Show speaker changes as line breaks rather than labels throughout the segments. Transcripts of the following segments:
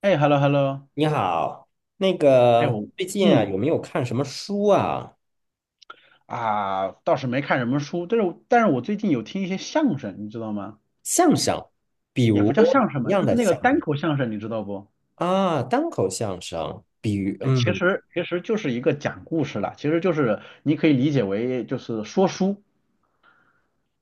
哎，hello hello。
你好，那
哎
个
我
最近啊，
嗯
有没有看什么书啊？
啊，倒是没看什么书，但是我最近有听一些相声，你知道吗？
相声，比
也
如
不
什
叫相声
么
吧，
样
就是
的
那个
相
单
声
口相声，你知道不？
啊？单口相声。
这其
嗯
实其实就是一个讲故事啦，其实就是你可以理解为就是说书。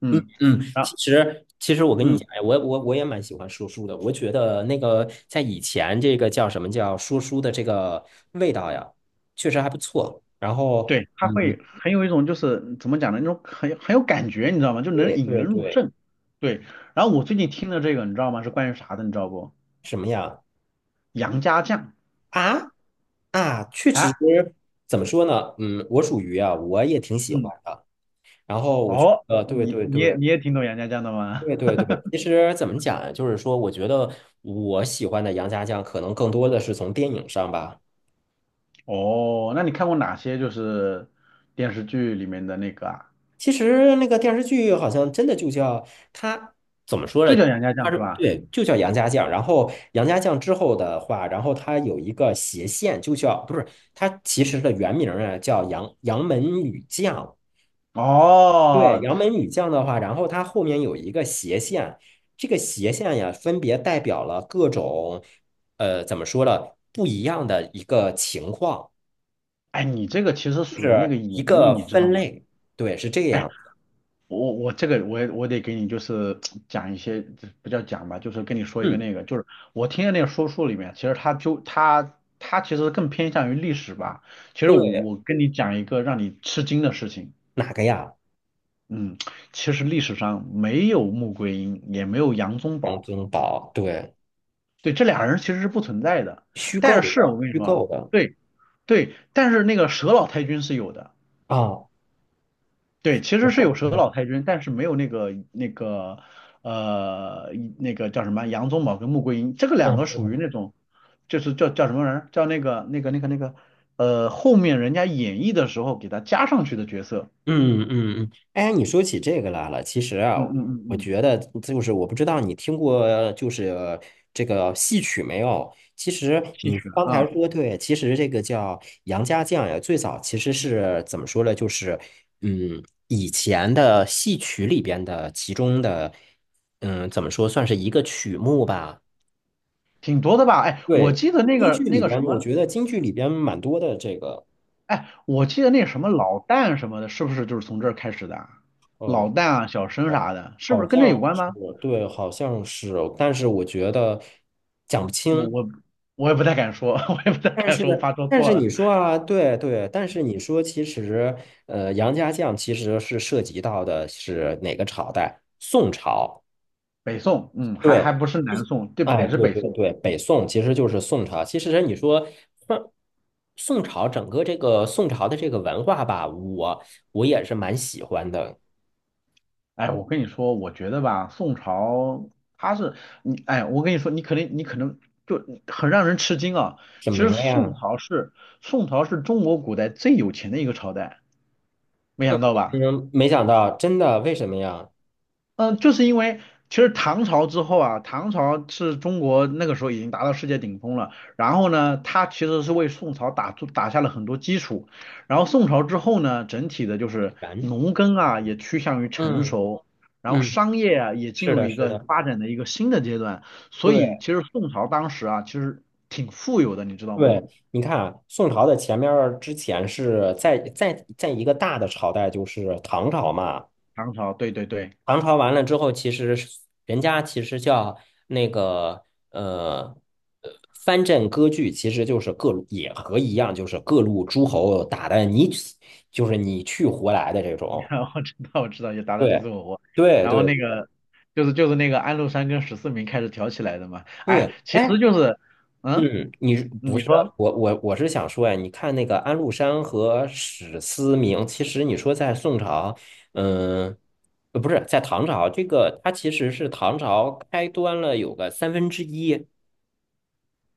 嗯，
嗯，
然后
其实我跟你
嗯
讲。哎，我也蛮喜欢说书的。我觉得那个在以前这个叫什么叫说书的这个味道呀，确实还不错。然后
对，他
嗯。
会很有一种就是怎么讲呢，那种很有感觉，你知道吗？就能
对
引
对
人入
对。
胜。对，然后我最近听的这个你知道吗？是关于啥的，你知道不？
什么呀？
杨家将。
啊啊，确实。
啊，
怎么说呢？嗯，我属于啊，我也挺喜
嗯，
欢的。然后我觉
哦，
得，对
你
对
你也
对
你也挺懂杨家将的吗？
对对 对。其实怎么讲呀？就是说，我觉得我喜欢的杨家将，可能更多的是从电影上吧。
哦，那你看过哪些就是电视剧里面的那个啊？
其实那个电视剧好像真的就叫他。怎么说呢？
就叫杨家
他
将
是
是吧？
对，就叫杨家将。然后杨家将之后的话，然后他有一个斜线，就叫不是他其实的原名啊，叫杨门女将。对，
哦，
杨门女将的话，然后它后面有一个斜线，这个斜线呀，分别代表了各种，怎么说呢，不一样的一个情况，
哎，你这个其实
就
属于那
是
个
一
演绎，
个
你知道
分
吗？
类。对，是这
哎，
样。
我我这个我也我得给你就是讲一些。这不叫讲吧，就是跟你说一个
嗯，
那个，就是我听的那个说书里面，其实他就他他其实更偏向于历史吧。其实我
对。
我跟你讲一个让你吃惊的事情。
哪个呀？
嗯，其实历史上没有穆桂英，也没有杨宗
杨
保，
宗保，对。
对，这俩人其实是不存在的。
虚构
但是
的，
我跟你
虚
说啊。
构的。
对对，但是那个佘老太君是有的。
啊，
对，其
我
实是有
搞
佘
错
老
了。
太君，但是没有呃那个叫什么杨宗保跟穆桂英，这个两个
嗯
属于那种，就是叫什么人，叫后面人家演绎的时候给他加上去的角色。
嗯嗯嗯。哎，你说起这个来了，其实啊，
嗯嗯嗯
我
嗯，
觉得就是我不知道你听过就是这个戏曲没有？其实
戏
你
曲
刚才
啊。
说对，其实这个叫杨家将呀，最早其实是怎么说呢？就是嗯，以前的戏曲里边的其中的嗯，怎么说算是一个曲目吧？
挺多的吧？哎，我
对，
记得那
京剧
个那
里
个
边，
什
我
么。
觉得京剧里边蛮多的这个。
哎，我记得那什么老旦什么的，是不是就是从这儿开始的啊？老
呃
旦啊，小生
哦，
啥的，是不
好
是跟这有
像
关
是。
吗？
对，好像是，但是我觉得讲不
我
清。
我我也不太敢说，我也不太
但
敢
是，
说，我怕说
但是
错
你
了。
说啊，对对，但是你说，其实，杨家将其实是涉及到的是哪个朝代？宋朝。
北宋，嗯，还
对，
不是南宋，这
哎，
得是
对
北
对
宋。
对，北宋其实就是宋朝。其实你说，宋宋朝整个这个宋朝的这个文化吧，我我也是蛮喜欢的。
哎，我跟你说，我觉得吧，宋朝它是你，哎，我跟你说，你可能就很让人吃惊啊。
什
其
么
实宋
呀？
朝是宋朝是中国古代最有钱的一个朝代，没想到吧？
嗯，没想到，真的，为什么呀？
嗯，就是因为其实唐朝之后啊，唐朝是中国那个时候已经达到世界顶峰了。然后呢，它其实是为宋朝打下了很多基础。然后宋朝之后呢，整体的就是
然。
农耕啊也趋向于成
嗯
熟，然后
嗯，
商业啊也进
是
入
的，
一
是
个
的，
发展的一个新的阶段。所以
对
其实宋朝当时啊，其实挺富有的，你知道吗？
对。你看啊宋朝的前面儿之前是在一个大的朝代，就是唐朝嘛。
唐朝，对对对。
唐朝完了之后，其实是人家其实叫那个呃藩镇割据，其实就是各路也和一样，就是各路诸侯打的你死，就是你去活来的这
你
种。
然我知道我知道，也达芬你死
对
我锅。
对
然后
对
那个就是那个安禄山跟十四名开始挑起来的嘛。哎，
对。
其
哎，
实就是，嗯，
嗯，你是不
你
是啊
说
我是想说呀，你看那个安禄山和史思明，其实你说在宋朝，嗯，不是在唐朝，这个它其实是唐朝开端了有个三分之一，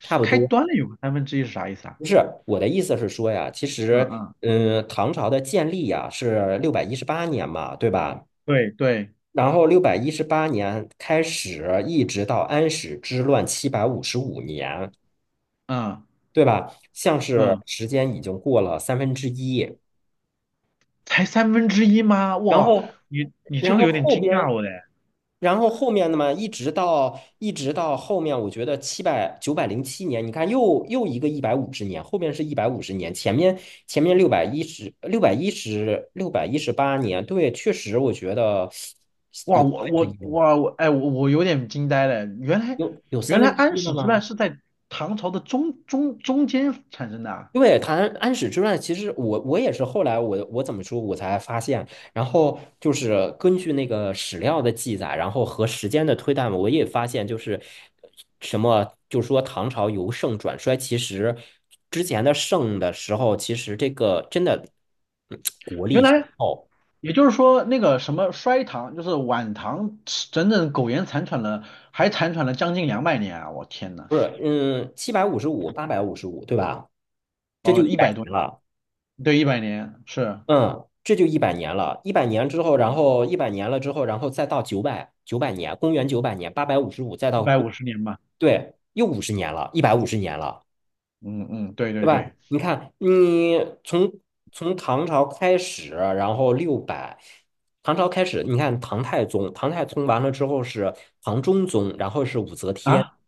差不
开
多。
端了有个三分之一是啥意思啊？
不是，我的意思是说呀，其
嗯
实，
嗯，
嗯，唐朝的建立呀是六百一十八年嘛，对吧？
对对，
然后六百一十八年开始，一直到安史之乱755年。
嗯
对吧？像是
嗯，
时间已经过了三分之一。
才三分之一吗？
然
哇，
后，
你这
然
个
后
有点
后
惊
边，
讶我嘞。
然后后面的嘛，一直到后面，我觉得907年，你看又一个一百五十年，后面是一百五十年，前面六百一十八年，对，确实我觉得
哇，
有三
我
分之一
我
了吗？
哇我哎我我有点惊呆嘞。原来
有三
原来
分之
安
一了
史之乱
吗？
是在唐朝的中间产生的啊。
对，谈安史之乱，其实我我也是后来我怎么说，我才发现，然后就是根据那个史料的记载，然后和时间的推断，我也发现就是什么，就说唐朝由盛转衰，其实之前的盛的时候，其实这个真的嗯国力
原
雄
来
厚。
也就是说，那个什么衰唐，就是晚唐，整整苟延残喘了，还残喘了将近200年啊！我天呐，
不是，嗯，七百五十五、八百五十五，对吧？这就
哦，
一
一
百
百多
年
年，
了。
对，100年，是
嗯，这就一百年了，一百年之后，然后一百年了之后，然后再到九百年，公元九百年，八百五十五，再
一
到
百五十年吧？
对，又五十年了，一百五十年了，
嗯嗯，对
对
对
吧？
对，
你看，你从从唐朝开始，然后六百，唐朝开始，你看唐太宗，唐太宗完了之后是唐中宗，然后是武则天。
啊，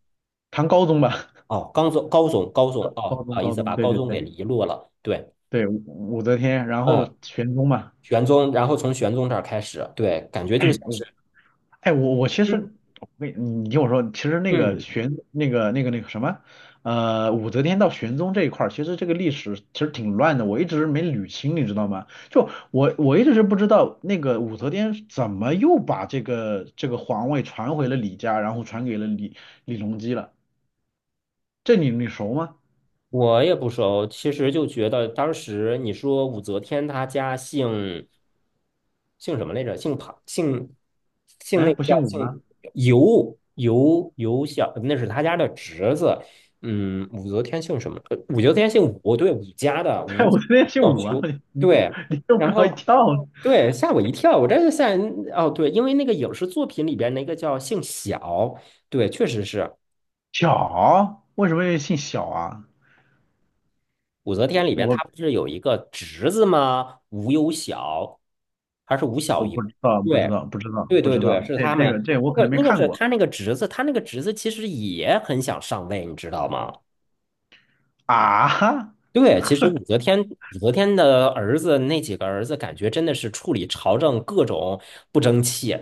唐高宗吧。
哦，高宗高宗高 宗，
高
哦，
高
不
中
好意
高
思，
中，
把
对
高
对
宗给
对
遗落了，对，
对，武则天，然后
嗯，
玄宗嘛。
玄宗，然后从玄宗这儿开始，对，感 觉就
哎，
像
我
是。
哎，我我其实，我跟你你听我说。其实那个
嗯。
玄那个那个那个什么，呃，武则天到玄宗这一块儿，其实这个历史其实挺乱的，我一直没捋清，你知道吗？就我一直是不知道那个武则天怎么又把这个这个皇位传回了李家，然后传给了李隆基了，这你熟吗？
我也不熟，其实就觉得当时你说武则天她家姓什么来着？姓庞，姓姓
哎，
那个
不
叫
姓武
姓
吗？
尤小，那是他家的侄子。嗯，武则天姓什么？武则天姓武，对，武家的
对，
武
我昨天姓
老
武啊，
修，
你你
对。
你给我
然
搞一
后
跳。
对，吓我一跳，我这就吓人哦，对，因为那个影视作品里边那个叫姓小，对，确实是。
小，为什么又姓小啊？
武则天里
我
边
我
她不是有一个侄子吗？吴有小，还是吴小
我
猷？
不知道，不知
对，
道，不知道，
对
不
对
知
对，
道。
是
这
他
这
们。
个这我
那
可能
个
没
那个
看
是
过。
他那个侄子，他那个侄子其实也很想上位，你知道吗？
啊哈。
对，其实武则天的儿子那几个儿子，感觉真的是处理朝政各种不争气。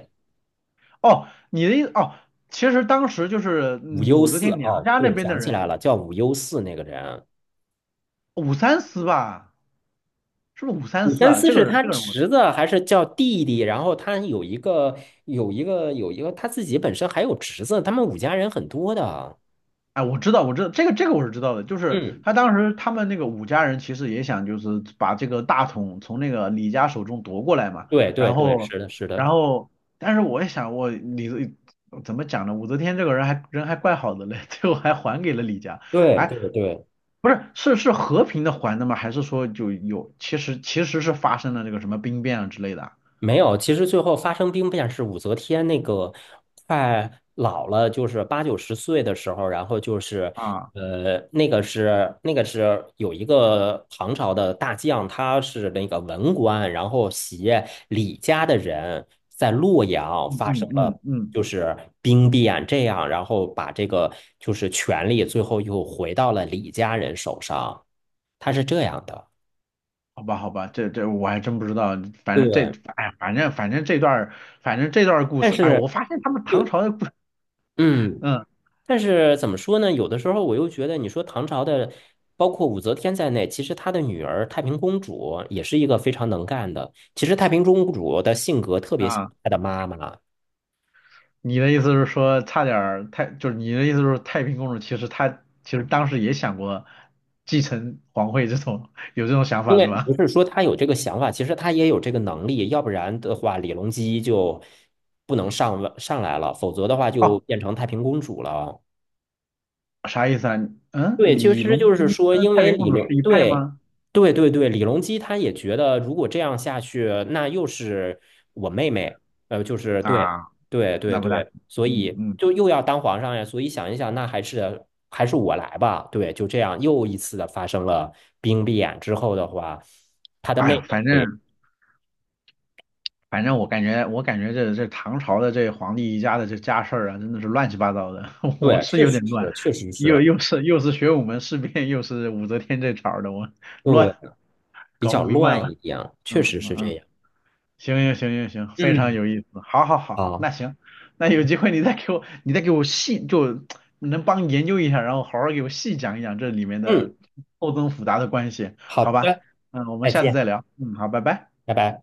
哦，你的意思哦，其实当时就是
武攸
武则
四
天娘
哦，
家那
对，
边的
想起来
人，
了，叫武攸四那个人。
武三思吧，是不是武三
武
思
宣
啊？
思
这个
是
人，
他
我，
侄子还是叫弟弟？然后他有一个有一个他自己本身还有侄子，他们武家人很多的。
哎，我知道，我知道，这个我是知道的，就是
嗯，
他当时他们那个武家人其实也想就是把这个大统从那个李家手中夺过来嘛。
对对
然
对，
后
是的，是
然
的，
后，但是我也想我李怎么讲呢？武则天这个人还怪好的嘞，最后还给了李家。
对
哎，
对对。
不是，是和平的还的吗？还是说就有其实是发生了这个什么兵变啊之类的啊？
没有，其实最后发生兵变是武则天那个快老了，就是八九十岁的时候，然后就是
啊
那个是有一个唐朝的大将，他是那个文官，然后携李家的人在洛阳
嗯
发生
嗯嗯
了
嗯，
就是兵变，这样然后把这个就是权力最后又回到了李家人手上，他是这样的，
好吧好吧，这这我还真不知道。反正这
对，
哎反正反正这段儿反正这段儿故
但
事，哎，
是
我发现他们唐
对，
朝的故事。
嗯。
嗯
但是怎么说呢？有的时候我又觉得，你说唐朝的，包括武则天在内，其实她的女儿太平公主也是一个非常能干的。其实太平公主的性格特别像
啊，
她的妈妈，
你的意思是说差点儿太就是你的意思是说太平公主其实她其实当时也想过继承皇位这种有这种想
因
法是
为不
吗？
是说她有这个想法，其实她也有这个能力。要不然的话，李隆基就不能上位上来了，否则的话就
哦，
变成太平公主了。
啥意思啊？嗯，
对，其
李
实
隆
就是
基
说，
跟
因
太
为
平公
李
主是
隆，
一派
对，
吗？
对对对，李隆基他也觉得，如果这样下去，那又是我妹妹，就是对，
啊，
对对
那不大，
对，所
嗯
以
嗯，
就又要当皇上呀，所以想一想，那还是我来吧，对，就这样又一次的发生了兵变之后的话，他的
哎呦，
妹
反
妹，
正反正我感觉这唐朝的这皇帝一家的这家事儿啊，真的是乱七八糟的，我
对，
是
确
有
实
点乱，
是，确实
又
是，
又是又是玄武门事变，又是武则天这茬儿的，我
对，
乱
比
搞不
较
明白我
乱一点，确
嗯
实是
嗯
这
嗯。
样。
行行行行行，非常
嗯，
有意思。好，好，好，
好。
那行，那有机会你再给我，细，就能帮研究一下，然后好好给我细讲一讲这里面的
嗯，
错综复杂的关系，
好
好吧？
的。
嗯，我们
再
下次
见，
再聊。嗯，好，拜拜。
拜拜。